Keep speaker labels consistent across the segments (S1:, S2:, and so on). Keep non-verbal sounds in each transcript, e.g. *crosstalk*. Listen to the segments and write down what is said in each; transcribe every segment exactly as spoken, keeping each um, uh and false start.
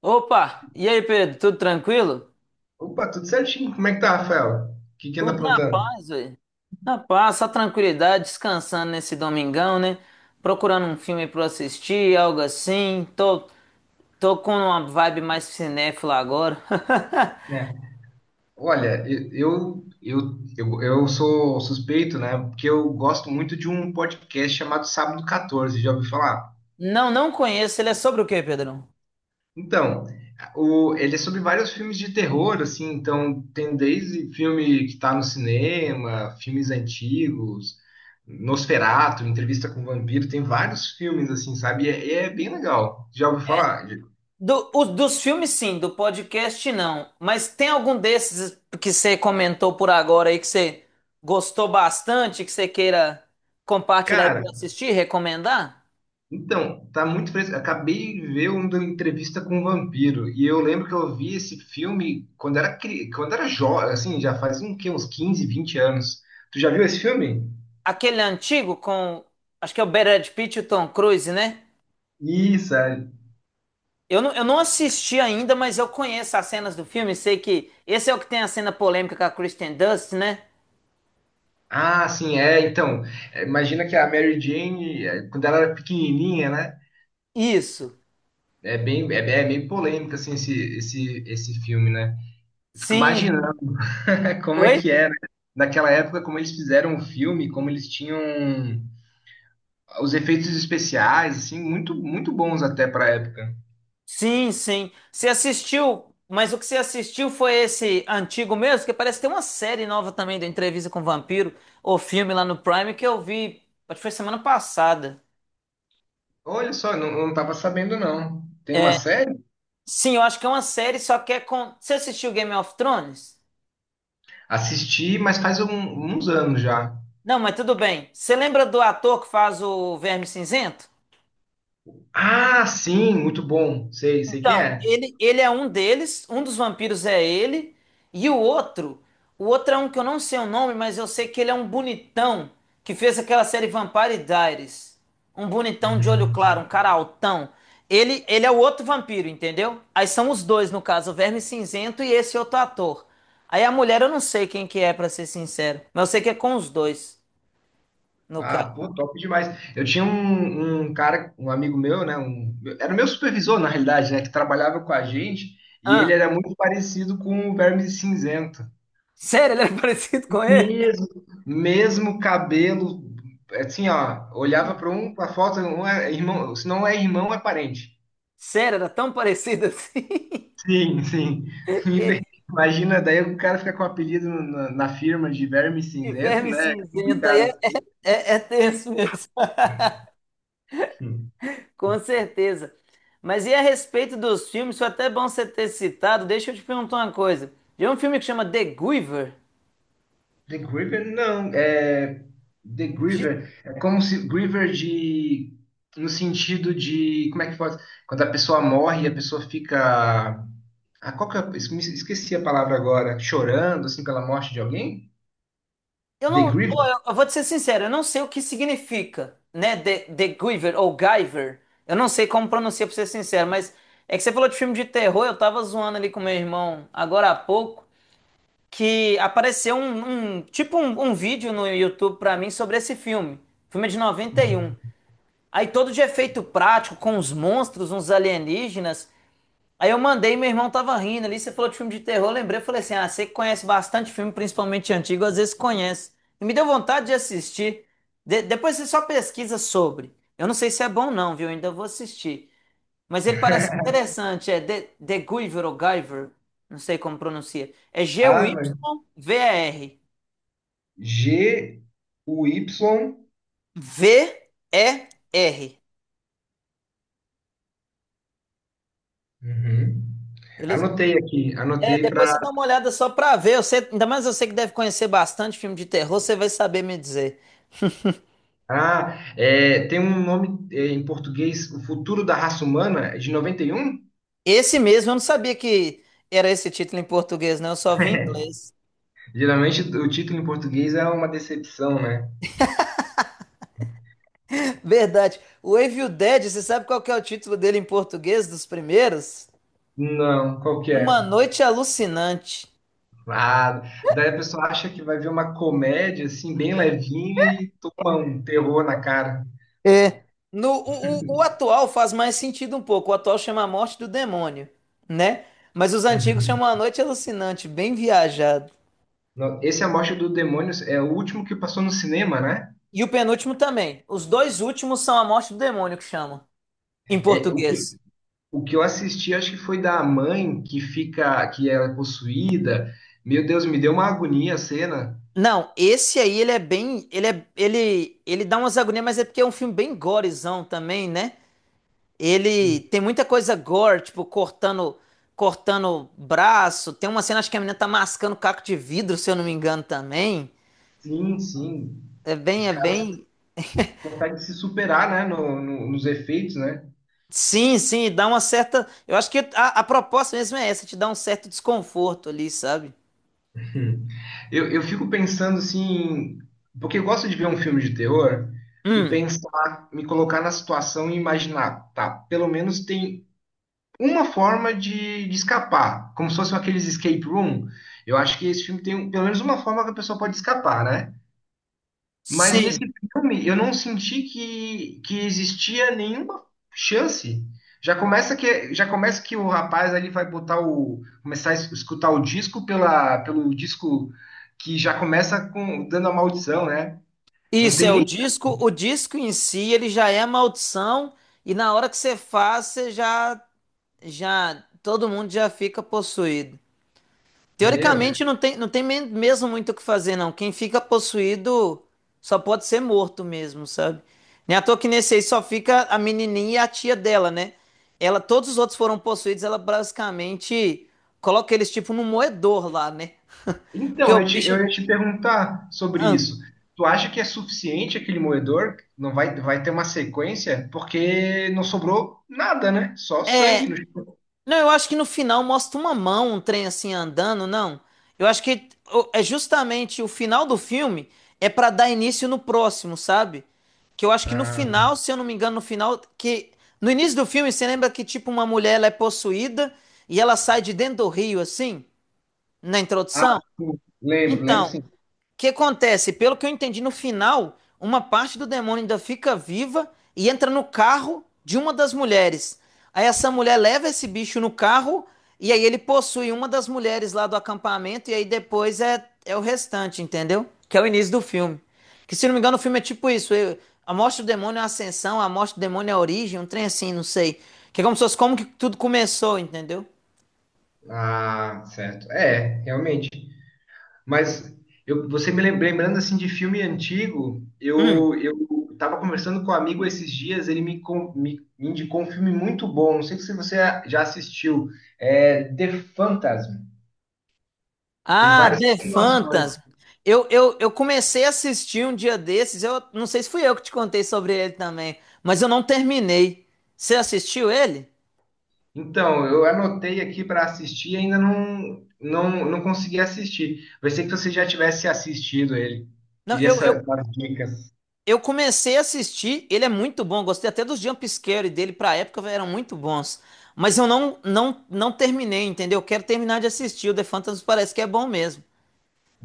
S1: Opa! E aí, Pedro? Tudo tranquilo?
S2: Opa, tudo certinho. Como é que tá, Rafael? O que que anda
S1: Tudo na
S2: aprontando?
S1: paz, velho. Na paz, só tranquilidade, descansando nesse domingão, né? Procurando um filme pra eu assistir, algo assim. Tô, tô com uma vibe mais cinéfila agora. *laughs*
S2: Né? Olha, eu, eu, eu, eu sou suspeito, né? Porque eu gosto muito de um podcast chamado Sábado catorze, já ouviu falar?
S1: Não, não conheço. Ele é sobre o quê, Pedrão?
S2: Então, o, ele é sobre vários filmes de terror, assim, então tem desde filme que tá no cinema, filmes antigos, Nosferatu, Entrevista com o Vampiro, tem vários filmes, assim, sabe? E é, é bem legal. Já ouviu falar?
S1: Do, os- dos filmes, sim. Do podcast, não. Mas tem algum desses que você comentou por agora aí que você gostou bastante, que você queira compartilhar
S2: Cara,
S1: e assistir, recomendar?
S2: então, tá muito fresco. Acabei de ver uma entrevista com um vampiro e eu lembro que eu vi esse filme quando era cri... quando era jovem, assim, já faz um quê? Uns quinze, vinte anos. Tu já viu esse filme?
S1: Aquele antigo com. Acho que é o Brad Pitt e o Tom Cruise, né?
S2: Isso, é.
S1: Eu não, eu não assisti ainda, mas eu conheço as cenas do filme. Sei que esse é o que tem a cena polêmica com a Kristen Dunst, né?
S2: Ah, sim, é. Então, é, imagina que a Mary Jane, é, quando ela era pequenininha, né?
S1: Isso.
S2: É bem, é, bem- é bem polêmico assim esse, esse, esse filme, né? Eu fico
S1: Sim.
S2: imaginando *laughs* como é
S1: Oi?
S2: que era naquela época, como eles fizeram o filme, como eles tinham os efeitos especiais, assim, muito, muito bons até pra época.
S1: Sim, sim. Você assistiu, mas o que você assistiu foi esse antigo mesmo? Que parece que tem uma série nova também da Entrevista com o Vampiro, ou filme lá no Prime, que eu vi. Acho que foi semana passada.
S2: Olha só, não, não tava sabendo, não. Tem uma
S1: É,
S2: série?
S1: sim, eu acho que é uma série, só que é com. Você assistiu Game of Thrones?
S2: Assisti, mas faz um- uns anos já.
S1: Não, mas tudo bem. Você lembra do ator que faz o Verme Cinzento?
S2: Ah, sim, muito bom. Sei, sei quem
S1: Então,
S2: é.
S1: ele, ele é um deles, um dos vampiros é ele, e o outro, o outro é um que eu não sei o nome, mas eu sei que ele é um bonitão que fez aquela série Vampire Diaries. Um bonitão de olho
S2: Uhum.
S1: claro, um cara altão. Ele, ele é o outro vampiro, entendeu? Aí são os dois, no caso, o Verme Cinzento e esse outro ator. Aí a mulher eu não sei quem que é, pra ser sincero, mas eu sei que é com os dois, no caso.
S2: Ah, pô, top demais. Eu tinha um, um cara, um amigo meu, né? um- era o meu supervisor, na realidade, né? Que trabalhava com a gente, e
S1: Ah,
S2: ele era muito parecido com o Verme Cinzento.
S1: sério, ele é *laughs* parecido com ele?
S2: Mesmo, mesmo cabelo, assim, ó, olhava para um, para a foto, um é irmão, se não é irmão, é parente.
S1: Sério, era tão parecida assim. *laughs*
S2: Sim, sim. *laughs*
S1: Que
S2: Infe- Imagina, daí o cara fica com o apelido na, na firma de Verme
S1: de
S2: Cinzento,
S1: verme
S2: né? É
S1: cinzenta. Aí é,
S2: complicado.
S1: é, é é tenso mesmo. *laughs*
S2: Hum,
S1: Com
S2: hum.
S1: certeza. Mas e a respeito dos filmes, foi até bom você ter citado. Deixa eu te perguntar uma coisa. Tem um filme que chama The Giver.
S2: The Griever, não, é The
S1: De-
S2: Griever, é como se Griever de no sentido de como é que faz? Quando a pessoa morre, a pessoa fica ah, qual que é, esqueci a palavra agora, chorando assim pela morte de alguém?
S1: Eu
S2: The
S1: não, ó,
S2: Grievous.
S1: eu eu vou te ser sincero, eu não sei o que significa, né? The, The Giver ou Giver. Eu não sei como pronuncia, pra ser sincero, mas é que você falou de filme de terror, eu tava zoando ali com meu irmão agora há pouco. Que apareceu um, um- tipo um, um vídeo no YouTube pra mim sobre esse filme. O filme é de noventa e um.
S2: Uhum.
S1: Aí todo de efeito prático, com uns monstros, uns alienígenas. Aí eu mandei, meu irmão tava rindo ali, você falou de filme de terror, eu lembrei, eu falei assim, ah, você que conhece bastante filme, principalmente antigo, às vezes conhece. E me deu vontade de assistir. De- depois você só pesquisa sobre. Eu não sei se é bom não, viu? Eu ainda vou assistir. Mas ele parece
S2: *laughs*
S1: interessante, é The, The Guyver ou Guyver, não sei como pronuncia. É
S2: Ah, mas
S1: G-U-Y-V-E-R.
S2: G-U-Y.
S1: V-E-R.
S2: Uhum.
S1: Beleza?
S2: Anotei aqui,
S1: É,
S2: anotei
S1: depois
S2: para.
S1: você dá uma olhada só pra ver. Você, ainda mais você que deve conhecer bastante filme de terror, você vai saber me dizer. *laughs*
S2: Ah, é, tem um nome é, em português, O Futuro da Raça Humana, é de noventa e um?
S1: Esse mesmo, eu não sabia que era esse título em português, não. Eu só vi em
S2: *laughs*
S1: inglês.
S2: Geralmente o título em português é uma decepção, né?
S1: *laughs* Verdade. O Evil Dead, você sabe qual que é o título dele em português dos primeiros?
S2: Não, qual que
S1: Uma
S2: é?
S1: Noite Alucinante.
S2: Ah, daí a pessoa acha que vai ver uma comédia, assim, bem levinha e toma um terror na cara.
S1: É, no, o, o, o atual faz mais sentido um pouco. O atual chama A Morte do Demônio, né? Mas os antigos
S2: Uhum.
S1: chamam A Noite Alucinante, bem viajado.
S2: No- Esse é A Morte do Demônio é o último que passou no cinema, né?
S1: E o penúltimo também. Os dois últimos são A Morte do Demônio que chama, em
S2: É, o que,
S1: português.
S2: o que eu assisti, acho que foi da mãe que fica, que ela é possuída. Meu Deus, me deu uma agonia a cena.
S1: Não, esse aí ele é bem, ele é, ele, ele dá umas agonias, mas é porque é um filme bem gorezão também, né? Ele tem muita coisa gore, tipo cortando, cortando braço. Tem uma cena acho que a menina tá mascando caco de vidro, se eu não me engano também.
S2: Sim, sim.
S1: É
S2: Os
S1: bem, é
S2: caras
S1: bem.
S2: conseguem se superar, né, no- no- nos efeitos, né?
S1: Sim, sim, dá uma certa. Eu acho que a, a proposta mesmo é essa, te dá um certo desconforto ali, sabe?
S2: Hum. Eu, eu fico pensando assim, porque eu gosto de ver um filme de terror e
S1: Hum,
S2: pensar, me colocar na situação e imaginar, tá, pelo menos tem uma forma de, de escapar, como se fossem aqueles escape room. Eu acho que esse filme tem um- pelo menos uma forma que a pessoa pode escapar, né? Mas nesse
S1: sim.
S2: filme eu não senti que, que existia nenhuma chance. Já começa que já começa que o rapaz ali vai botar o começar a es- escutar o disco pela pelo disco que já começa com dando a maldição, né? Não
S1: Isso
S2: tem
S1: é o
S2: nem
S1: disco. O disco em si, ele já é a maldição, e na hora que você faz, você já, já, todo mundo já fica possuído.
S2: meu.
S1: Teoricamente não tem, não tem men- mesmo muito o que fazer, não. Quem fica possuído só pode ser morto mesmo, sabe? Nem à toa que nesse aí só fica a menininha e a tia dela, né? Ela, todos os outros foram possuídos, ela basicamente coloca eles tipo no moedor lá, né? Porque
S2: Então,
S1: o
S2: eu te,
S1: bicho.
S2: eu ia te perguntar sobre
S1: Ah,
S2: isso. Tu acha que é suficiente aquele moedor? Não vai, vai ter uma sequência? Porque não sobrou nada, né? Só sangue
S1: é,
S2: no chão.
S1: não, eu acho que no final mostra uma mão, um trem assim andando, não. Eu acho que o- é justamente o final do filme é pra dar início no próximo, sabe? Que eu acho que no
S2: Ah,
S1: final, se eu não me engano, no final que no início do filme você lembra que tipo uma mulher ela é possuída e ela sai de dentro do rio assim, na
S2: ah,
S1: introdução?
S2: sim. Lembro, lembro
S1: Então,
S2: sim.
S1: que acontece? Pelo que eu entendi no final, uma parte do demônio ainda fica viva e entra no carro de uma das mulheres. Aí essa mulher leva esse bicho no carro e aí ele possui uma das mulheres lá do acampamento e aí depois é, é o restante, entendeu? Que é o início do filme. Que se não me engano o filme é tipo isso, eu- a morte do demônio é a ascensão, a morte do demônio é a origem, um trem assim, não sei. Que é como se fosse como que tudo começou, entendeu?
S2: Ah, certo. É, realmente. Mas eu, você me lem- lembrando assim de filme antigo,
S1: Hum.
S2: eu eu estava conversando com um amigo esses dias, ele me, com- me, me indicou um filme muito bom. Não sei se você já assistiu. É The Phantasm. Tem
S1: Ah,
S2: várias
S1: The
S2: continuações.
S1: Phantasm. Eu, eu, eu comecei a assistir um dia desses. Eu não sei se fui eu que te contei sobre ele também, mas eu não terminei. Você assistiu ele?
S2: Então, eu anotei aqui para assistir e ainda não, não, não consegui assistir. Pensei que você já tivesse assistido ele.
S1: Não,
S2: Queria
S1: eu, eu,
S2: saber as dicas.
S1: eu comecei a assistir. Ele é muito bom. Gostei até dos jump scare dele pra época, eram muito bons. Mas eu não, não, não terminei, entendeu? Eu quero terminar de assistir. O The Phantasm parece que é bom mesmo.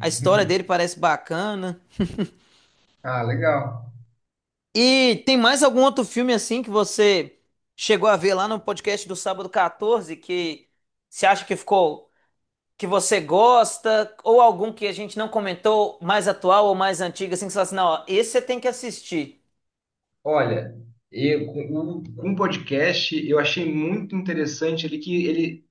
S1: A história dele parece bacana.
S2: Ah, legal.
S1: E tem mais algum outro filme assim que você chegou a ver lá no podcast do Sábado quatorze que você acha que ficou, que você gosta, ou algum que a gente não comentou, mais atual ou mais antigo, assim, que você fala assim, não, ó, esse você tem que assistir.
S2: Olha, eu, com o com o podcast, eu achei muito interessante ali que ele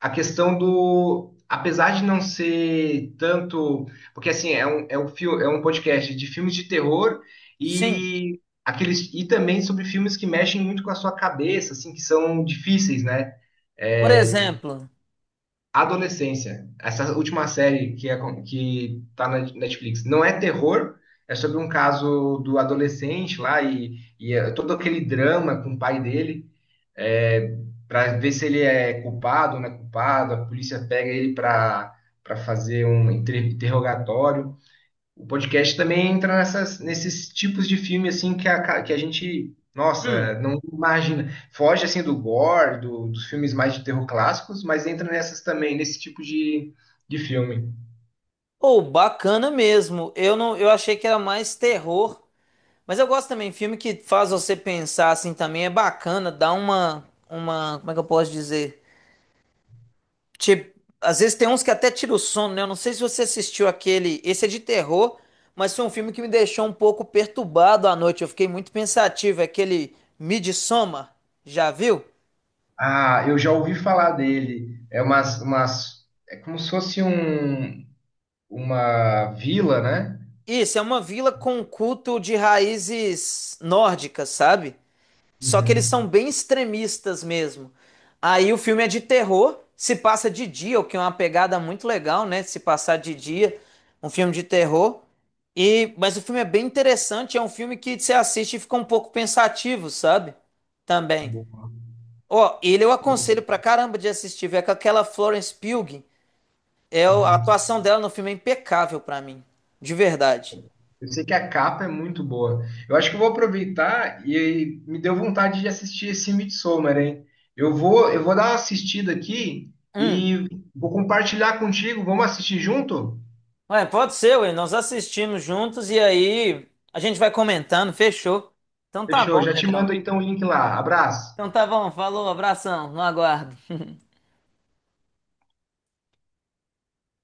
S2: a questão do. Apesar de não ser tanto. Porque assim, é um, é um, fil- é um podcast de filmes de terror
S1: Sim.
S2: e aqueles e também sobre filmes que mexem muito com a sua cabeça, assim, que são difíceis, né?
S1: Por
S2: É, de-
S1: exemplo,
S2: adolescência. Essa última série que, é, com- que tá na Netflix não é terror, é sobre um caso do adolescente lá e, e é todo aquele drama com o pai dele é, para ver se ele é culpado ou não é culpado. A polícia pega ele para para fazer um inter- interrogatório. O podcast também entra nessas, nesses tipos de filme assim que a, que a gente,
S1: hum,
S2: nossa, não imagina. Foge assim do gore, do- dos filmes mais de terror clássicos, mas entra nessas também, nesse tipo de, de filme.
S1: ou bacana mesmo. Eu não, eu achei que era mais terror, mas eu gosto também filme que faz você pensar assim também é bacana, dá uma, uma, como é que eu posso dizer? Tipo, às vezes tem uns que até tira o sono, né? Eu não sei se você assistiu aquele. Esse é de terror, mas foi um filme que me deixou um pouco perturbado à noite. Eu fiquei muito pensativo. É aquele Midsommar, já viu?
S2: Ah, eu já ouvi falar dele. É umas, umas, é como se fosse um, uma vila, né?
S1: Isso, é uma vila com um culto de raízes nórdicas, sabe? Só que eles são
S2: Uhum.
S1: bem extremistas mesmo. Aí o filme é de terror, se passa de dia, o que é uma pegada muito legal, né? Se passar de dia, um filme de terror. E mas o filme é bem interessante, é um filme que você assiste e fica um pouco pensativo, sabe? Também.
S2: Boa.
S1: Ó, ele eu aconselho pra caramba de assistir, é com aquela Florence Pugh, é o- a
S2: Uhum.
S1: atuação dela no filme é impecável pra mim, de verdade.
S2: Eu sei que a capa é muito boa. Eu acho que eu vou aproveitar e aí me deu vontade de assistir esse Midsommar, hein? Eu vou, eu vou dar uma assistida aqui
S1: Hum.
S2: e vou compartilhar contigo. Vamos assistir junto?
S1: Ué, pode ser, ué. Nós assistimos juntos e aí a gente vai comentando, fechou. Então tá
S2: Fechou,
S1: bom,
S2: já te
S1: Pedrão.
S2: mando então o link lá. Abraço.
S1: Então tá bom, falou, abração, no aguardo.